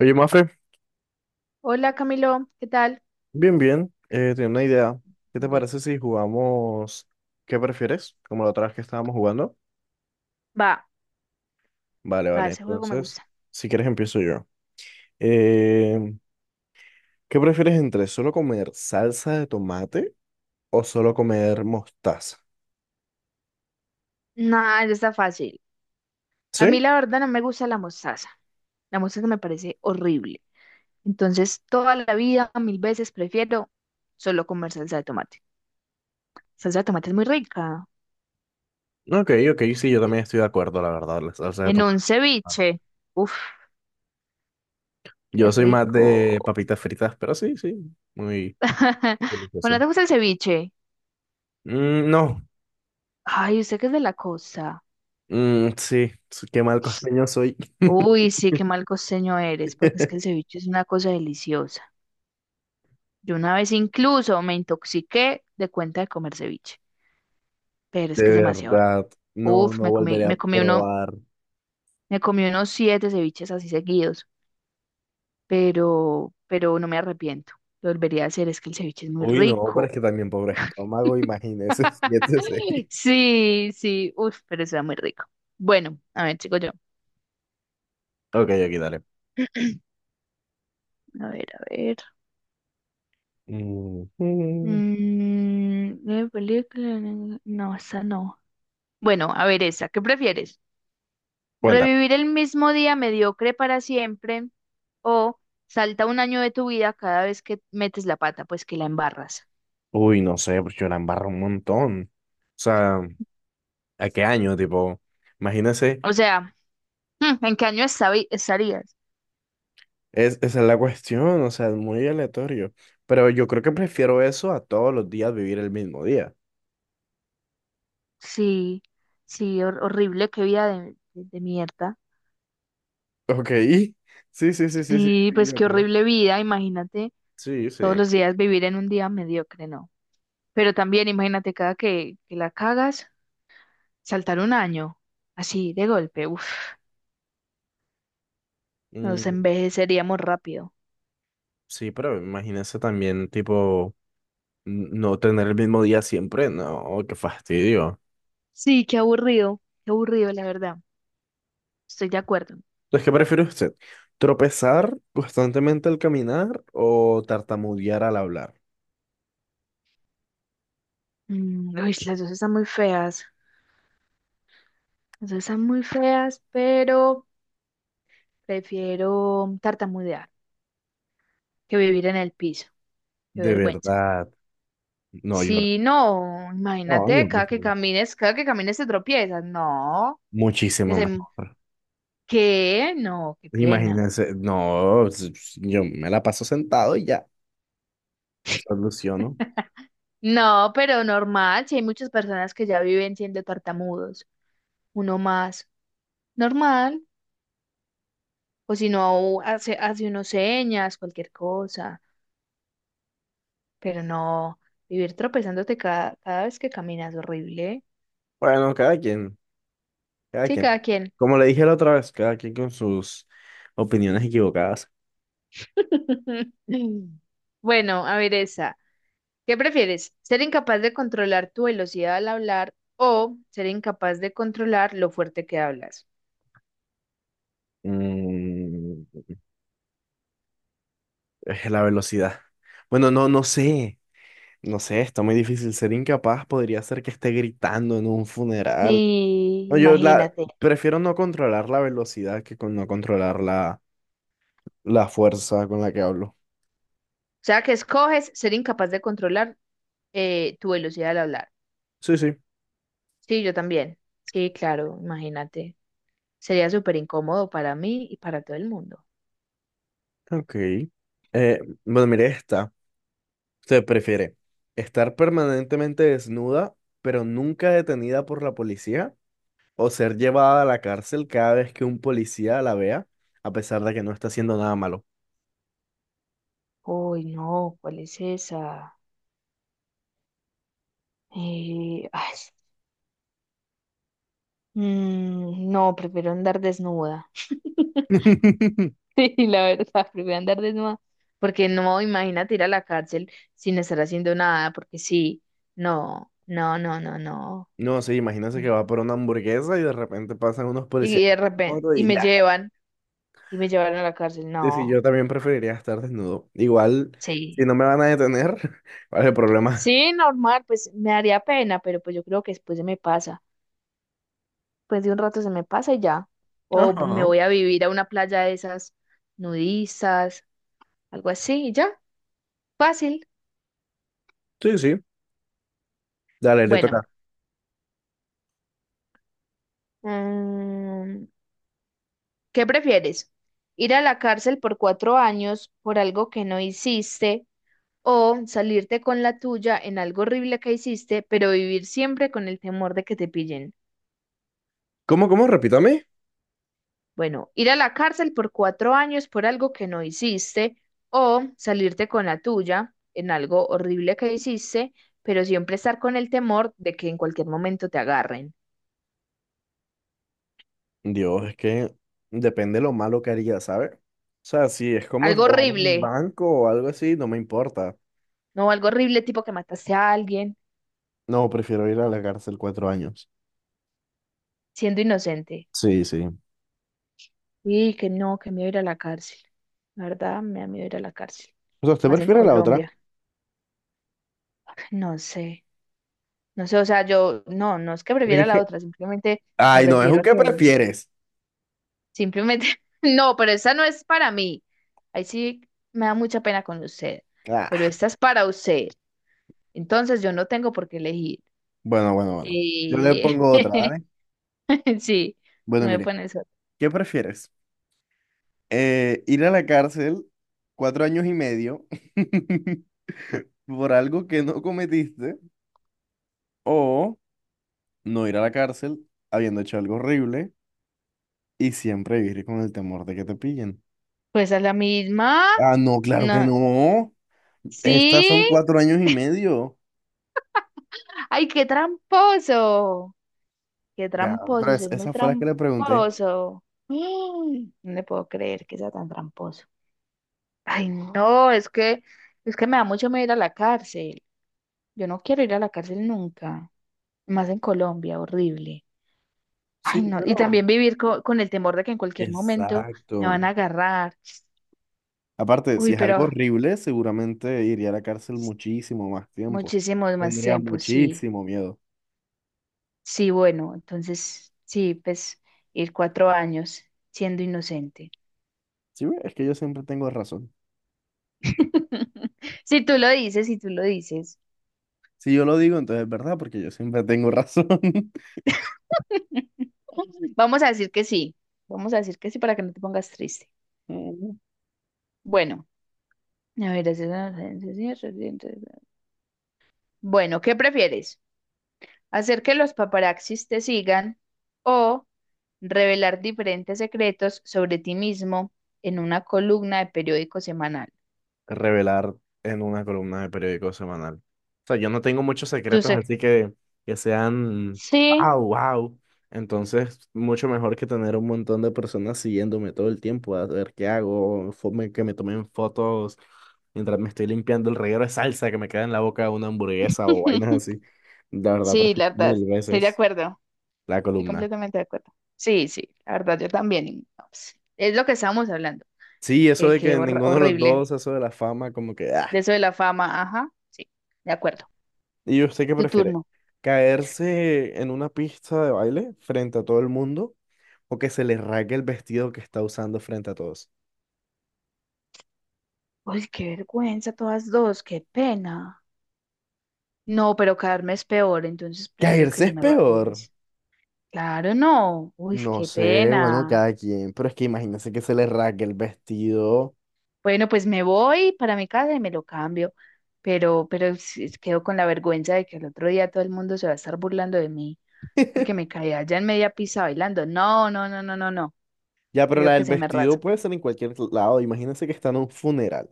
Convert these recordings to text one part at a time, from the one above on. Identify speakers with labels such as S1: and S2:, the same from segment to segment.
S1: Oye, Mafe,
S2: Hola Camilo, ¿qué tal?
S1: bien, bien. Tenía una idea. ¿Qué te
S2: Vale.
S1: parece si jugamos? ¿Qué prefieres? Como la otra vez que estábamos jugando.
S2: Va,
S1: Vale,
S2: va,
S1: vale.
S2: ese juego me
S1: Entonces,
S2: gusta.
S1: si quieres empiezo yo. Em, ¿Qué prefieres entre solo comer salsa de tomate o solo comer mostaza?
S2: Nada, está fácil. A
S1: ¿Sí?
S2: mí la verdad no me gusta la mostaza. La mostaza me parece horrible. Entonces, toda la vida, mil veces prefiero solo comer salsa de tomate. Salsa de tomate es muy rica.
S1: Ok, ok, sí, yo también estoy de acuerdo, la verdad, la salsa de
S2: En un
S1: tomate. Vale.
S2: ceviche. Uf, qué
S1: Yo soy más
S2: rico.
S1: de papitas fritas, pero sí, sí, muy
S2: Bueno, ¿no
S1: delicioso.
S2: ¿te gusta el ceviche?
S1: Mm, no.
S2: Ay, usted que es de la costa.
S1: Mm, sí, qué mal costeño soy.
S2: Uy, sí, qué mal costeño eres, porque es que el ceviche es una cosa deliciosa. Yo una vez incluso me intoxiqué de cuenta de comer ceviche, pero es
S1: De
S2: que es demasiado rico.
S1: verdad, no,
S2: Uf,
S1: no volveré a
S2: me comí uno,
S1: probar.
S2: me comí unos siete ceviches así seguidos, pero no me arrepiento. Lo volvería a hacer, es que el ceviche es muy
S1: Uy, no, pero
S2: rico.
S1: es que también pobre estómago, imagínese, siete seis.
S2: Sí, sí, uf, pero está muy rico. Bueno, a ver, sigo yo.
S1: Ok, aquí dale.
S2: A ver, a ver.
S1: Mm, mm.
S2: Mm, película. No, esa no. Bueno, a ver, esa, ¿qué prefieres?
S1: Cuenta.
S2: ¿Revivir el mismo día mediocre para siempre o salta un año de tu vida cada vez que metes la pata, pues que la embarras?
S1: Uy, no sé, pues yo la embarro un montón. O sea, ¿a qué año? Tipo, imagínese,
S2: O sea, ¿en qué año estarías?
S1: esa es la cuestión, o sea, es muy aleatorio. Pero yo creo que prefiero eso a todos los días vivir el mismo día.
S2: Sí, sí, horrible, qué vida de, de mierda.
S1: Ok, sí, sí, sí, sí, sí
S2: Sí,
S1: sí
S2: pues
S1: yo
S2: qué
S1: creo.
S2: horrible vida, imagínate
S1: Sí
S2: todos
S1: sí.
S2: los días vivir en un día mediocre, ¿no? Pero también imagínate cada que la cagas, saltar un año, así de golpe, uff, nos
S1: Mm,
S2: envejeceríamos rápido.
S1: sí yo creo, pero imagínese también tipo no tener el mismo día siempre, no, qué fastidio.
S2: Sí, qué aburrido, la verdad. Estoy de acuerdo.
S1: Entonces, ¿qué prefiere usted? ¿Tropezar constantemente al caminar o tartamudear al hablar?
S2: Mm, uy, las dos están muy feas. Las dos están muy feas, pero prefiero tartamudear que vivir en el piso. Qué
S1: De
S2: vergüenza.
S1: verdad. No, yo,
S2: Sí, no,
S1: no,
S2: imagínate,
S1: yo prefiero
S2: cada que camines te tropiezas. No, pues
S1: muchísimo
S2: hay-
S1: mejor.
S2: ¿qué? No, qué pena.
S1: Imagínense, no, yo me la paso sentado y ya, soluciono.
S2: No, pero normal, si hay muchas personas que ya viven siendo tartamudos, uno más, normal. O si no, hace unos señas, cualquier cosa. Pero no, vivir tropezándote cada vez que caminas, horrible, ¿eh?
S1: Bueno, cada quien, cada
S2: Sí,
S1: quien.
S2: cada quien.
S1: Como le dije la otra vez, cada quien con sus opiniones equivocadas.
S2: Bueno, a ver esa. ¿Qué prefieres? ¿Ser incapaz de controlar tu velocidad al hablar o ser incapaz de controlar lo fuerte que hablas?
S1: Mm, es la velocidad. Bueno, no, no sé. No sé, está muy difícil. Ser incapaz podría ser que esté gritando en un funeral.
S2: Sí,
S1: No, yo la
S2: imagínate. O
S1: prefiero no controlar la velocidad que con no controlar la fuerza con la que hablo.
S2: sea, que escoges ser incapaz de controlar tu velocidad al hablar.
S1: Sí, sí.
S2: Sí, yo también. Sí, claro, imagínate. Sería súper incómodo para mí y para todo el mundo.
S1: Ok. Eh, bueno, mire esta. Usted prefiere estar permanentemente desnuda, pero nunca detenida por la policía, o ser llevada a la cárcel cada vez que un policía la vea, a pesar de que no está haciendo nada malo.
S2: Uy, no, ¿cuál es esa? Ay, mm, no, prefiero andar desnuda. Sí, la verdad, prefiero andar desnuda. Porque no, imagínate ir a la cárcel sin estar haciendo nada, porque sí, no, no, no, no, no.
S1: No, sí, imagínense que va por una hamburguesa y de repente pasan unos policías
S2: Y
S1: en
S2: de repente,
S1: moto y ya.
S2: y me llevan a la cárcel,
S1: Sí, sí,
S2: no,
S1: yo también preferiría estar desnudo. Igual, si
S2: sí.
S1: no me van a detener, ¿cuál es el problema?
S2: Sí, normal, pues me daría pena, pero pues yo creo que después se me pasa. Después de un rato se me pasa y ya. O me
S1: Ajá.
S2: voy a vivir a una playa de esas nudistas, algo así, y ya, fácil.
S1: Sí, sí. Dale, le toca.
S2: Bueno. Mm, ¿qué prefieres? ¿Ir a la cárcel por 4 años por algo que no hiciste o salirte con la tuya en algo horrible que hiciste, pero vivir siempre con el temor de que te pillen?
S1: ¿Cómo, cómo? Repítame.
S2: Bueno, ir a la cárcel por cuatro años por algo que no hiciste o salirte con la tuya en algo horrible que hiciste, pero siempre estar con el temor de que en cualquier momento te agarren.
S1: Dios, es que depende lo malo que haría, ¿sabes? O sea, si es como
S2: Algo
S1: robar un
S2: horrible,
S1: banco o algo así, no me importa.
S2: no algo horrible tipo que mataste a alguien
S1: No, prefiero ir a la cárcel 4 años.
S2: siendo inocente.
S1: Sí, sí.
S2: Y que no, que me voy a ir a la cárcel. La verdad, me da miedo ir a la cárcel.
S1: O sea, ¿usted
S2: Más en
S1: prefiere la otra?
S2: Colombia. No sé. No sé, o sea, yo, no, no es que
S1: Porque
S2: prefiera
S1: es que.
S2: la otra, simplemente me
S1: Ay, no, es
S2: refiero
S1: un
S2: a
S1: qué
S2: que,
S1: prefieres.
S2: simplemente, no, pero esta no es para mí. Ahí sí me da mucha pena con usted, pero
S1: Ah.
S2: esta es para usted. Entonces yo no tengo por qué elegir.
S1: Bueno, bueno, bueno. Yo le
S2: Eh,
S1: pongo otra, ¿vale?
S2: sí, tú
S1: Bueno,
S2: me
S1: mire,
S2: pones otra.
S1: ¿qué prefieres? Ir a la cárcel 4 años y medio por algo que no cometiste o no ir a la cárcel habiendo hecho algo horrible y siempre vivir con el temor de que te pillen.
S2: Pues a la misma.
S1: Ah, no, claro que
S2: No.
S1: no. Estas
S2: Sí.
S1: son 4 años y medio.
S2: Ay, qué tramposo. Qué
S1: Ya,
S2: tramposo,
S1: pero
S2: usted es muy
S1: esas fue las que le pregunté.
S2: tramposo. Mm. No le puedo creer que sea tan tramposo. Ay, no, es que me da mucho miedo ir a la cárcel. Yo no quiero ir a la cárcel nunca. Más en Colombia, horrible. Ay,
S1: Sí,
S2: no.
S1: pero.
S2: Y también vivir con el temor de que en cualquier momento me
S1: Exacto.
S2: van a agarrar.
S1: Aparte, si
S2: Uy,
S1: es algo
S2: pero
S1: horrible, seguramente iría a la cárcel muchísimo más tiempo.
S2: muchísimo más
S1: Tendría
S2: tiempo, sí.
S1: muchísimo miedo.
S2: Sí, bueno, entonces, sí, pues ir 4 años siendo inocente.
S1: Sí, ve, es que yo siempre tengo razón.
S2: Si tú lo dices, si tú lo dices.
S1: Si yo lo digo, entonces es verdad, porque yo siempre tengo razón.
S2: Vamos a decir que sí. Vamos a decir que sí para que no te pongas triste. Bueno, a ver, bueno, ¿qué prefieres? ¿Hacer que los paparazzis te sigan o revelar diferentes secretos sobre ti mismo en una columna de periódico semanal?
S1: Revelar en una columna de periódico semanal. O sea, yo no tengo muchos
S2: Tú
S1: secretos,
S2: se-
S1: así que sean
S2: Sí,
S1: wow, wow. Entonces, mucho mejor que tener un montón de personas siguiéndome todo el tiempo a ver qué hago, que me tomen fotos mientras me estoy limpiando el reguero de salsa que me queda en la boca de una hamburguesa o vainas así. La verdad,
S2: sí,
S1: prefiero
S2: la verdad,
S1: mil
S2: estoy de
S1: veces
S2: acuerdo.
S1: la
S2: Estoy
S1: columna.
S2: completamente de acuerdo. Sí, sí, la verdad, yo también. Y no, pues, es lo que estábamos hablando,
S1: Sí, eso de
S2: que
S1: que ninguno de los
S2: horrible.
S1: dos, eso de la fama, como que, ah,
S2: De eso de la fama, ajá, sí, de acuerdo.
S1: ¿y usted qué
S2: Tu
S1: prefiere?
S2: turno.
S1: ¿Caerse en una pista de baile frente a todo el mundo o que se le raque el vestido que está usando frente a todos?
S2: Uy, qué vergüenza, todas dos, qué pena. No, pero caerme es peor, entonces prefiero que
S1: ¿Caerse
S2: se
S1: es
S2: me lo
S1: peor?
S2: arregles. Claro, no. Uy,
S1: No
S2: qué
S1: sé, bueno,
S2: pena.
S1: cada quien, pero es que imagínense que se le raque el vestido.
S2: Bueno, pues me voy para mi casa y me lo cambio. Pero sí, quedo con la vergüenza de que el otro día todo el mundo se va a estar burlando de mí porque me caí allá en media pista bailando. No, no, no, no, no, no.
S1: Ya, pero la
S2: Prefiero que
S1: del
S2: se me
S1: vestido
S2: rasgue.
S1: puede ser en cualquier lado. Imagínense que está en un funeral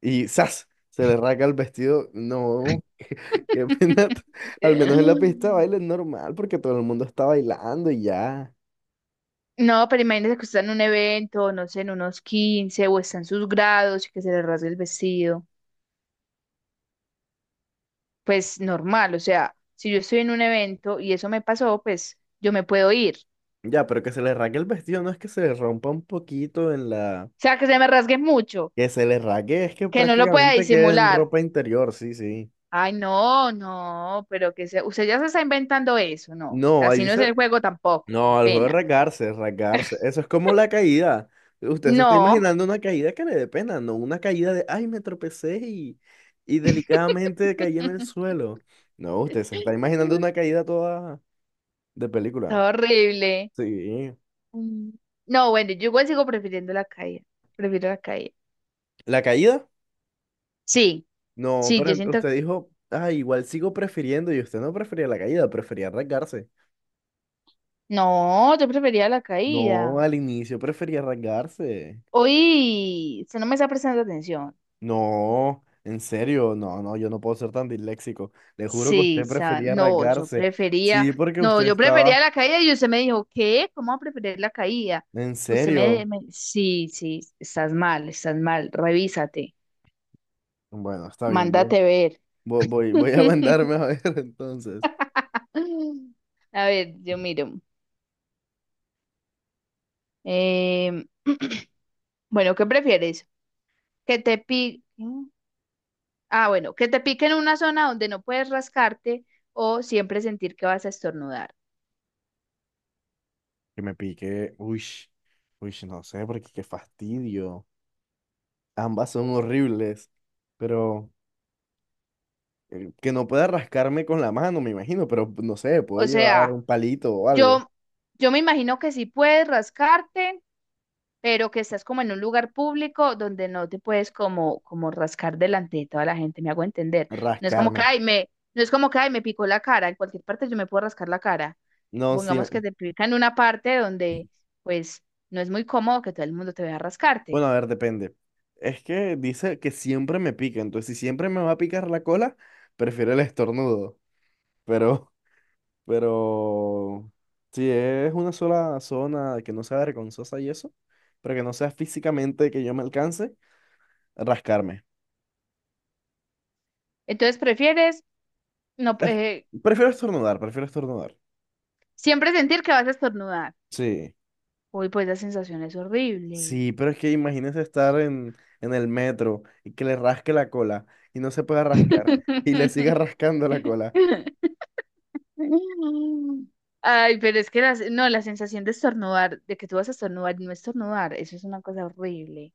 S1: y ¡zas! Se le raca el vestido. No. Qué pena. Al menos en la pista de baile es normal porque todo el mundo está bailando y ya.
S2: No, pero imagínese que usted está en un evento, no sé, en unos 15 o está en sus grados y que se le rasgue el vestido. Pues normal, o sea, si yo estoy en un evento y eso me pasó, pues yo me puedo ir. O
S1: Ya, pero que se le raque el vestido no es que se le rompa un poquito en la.
S2: sea, que se me rasgue mucho,
S1: Que se le raque es que
S2: que no lo pueda
S1: prácticamente quede en
S2: disimular.
S1: ropa interior, sí, sí.
S2: Ay, no, no, pero que se... usted ya se está inventando eso, no.
S1: No, ahí
S2: Así no es el
S1: dice.
S2: juego tampoco, qué
S1: No, el juego de
S2: pena.
S1: rasgarse, rasgarse. Eso es como la caída. Usted se está
S2: No.
S1: imaginando una caída que le dé pena, no una caída de, ay, me tropecé y delicadamente caí en el suelo. No, usted se está imaginando una caída toda de película.
S2: Está horrible.
S1: Sí.
S2: Mm. No, bueno, yo igual sigo prefiriendo la caída. Prefiero la caída.
S1: La caída.
S2: Sí,
S1: No,
S2: sí,
S1: pero
S2: yo siento.
S1: usted dijo, ah, igual sigo prefiriendo y usted no prefería la caída, prefería rasgarse.
S2: No, yo prefería la
S1: No,
S2: caída.
S1: al inicio prefería rasgarse.
S2: Hoy, usted no me está prestando atención.
S1: No, en serio, no, no, yo no puedo ser tan disléxico. Le juro que
S2: Sí,
S1: usted prefería
S2: no, yo
S1: rasgarse.
S2: prefería...
S1: Sí, porque
S2: No,
S1: usted
S2: yo
S1: estaba,
S2: prefería la caída y usted me dijo, ¿qué? ¿Cómo va a preferir la caída?
S1: en serio.
S2: Sí, sí, estás mal, estás mal. Revísate.
S1: Bueno, está bien, voy,
S2: Mándate ver.
S1: voy, voy voy a mandarme a ver entonces.
S2: A ver, yo miro. Em, bueno, ¿qué prefieres? que te piquen, ah, bueno, que te pique en una zona donde no puedes rascarte o siempre sentir que vas a estornudar.
S1: Que me pique, uy, uy, no sé, porque qué fastidio. Ambas son horribles, pero que no pueda rascarme con la mano, me imagino, pero no sé, puedo
S2: O
S1: llevar
S2: sea,
S1: un palito o algo.
S2: yo, yo me imagino que sí puedes rascarte, pero que estás como en un lugar público donde no te puedes como rascar delante de toda la gente, me hago entender. No es como que,
S1: Rascarme.
S2: ay, me, no es como que, ay, me picó la cara, en cualquier parte yo me puedo rascar la cara.
S1: No, sí.
S2: Supongamos que te pica en una parte donde, pues, no es muy cómodo que todo el mundo te vea rascarte.
S1: Bueno, a ver, depende. Es que dice que siempre me pica, entonces si siempre me va a picar la cola, prefiero el estornudo. Pero, pero, si es una sola zona que no sea vergonzosa y eso, pero que no sea físicamente que yo me alcance, rascarme.
S2: Entonces, prefieres no,
S1: Es- Prefiero estornudar, prefiero estornudar.
S2: siempre sentir que vas a estornudar.
S1: Sí.
S2: Uy, pues la sensación es horrible.
S1: Sí, pero es que imagínese estar en el metro y que le rasque la cola y no se pueda rascar y le siga rascando la cola.
S2: Ay, pero es que no, la sensación de estornudar, de que tú vas a estornudar y no estornudar, eso es una cosa horrible.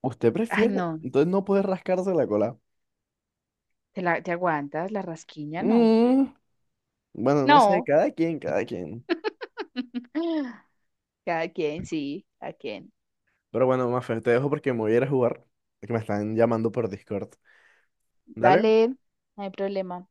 S1: ¿Usted
S2: Ay,
S1: prefiere?
S2: no,
S1: Entonces no puede rascarse la cola.
S2: te la, te aguantas, la rasquiña, no.
S1: Mm, bueno, no sé,
S2: No.
S1: cada quien, cada quien.
S2: Cada quien, sí, cada quien.
S1: Pero bueno, Mafe, te dejo porque me voy a ir a jugar, que me están llamando por Discord. Dale.
S2: Dale, no hay problema.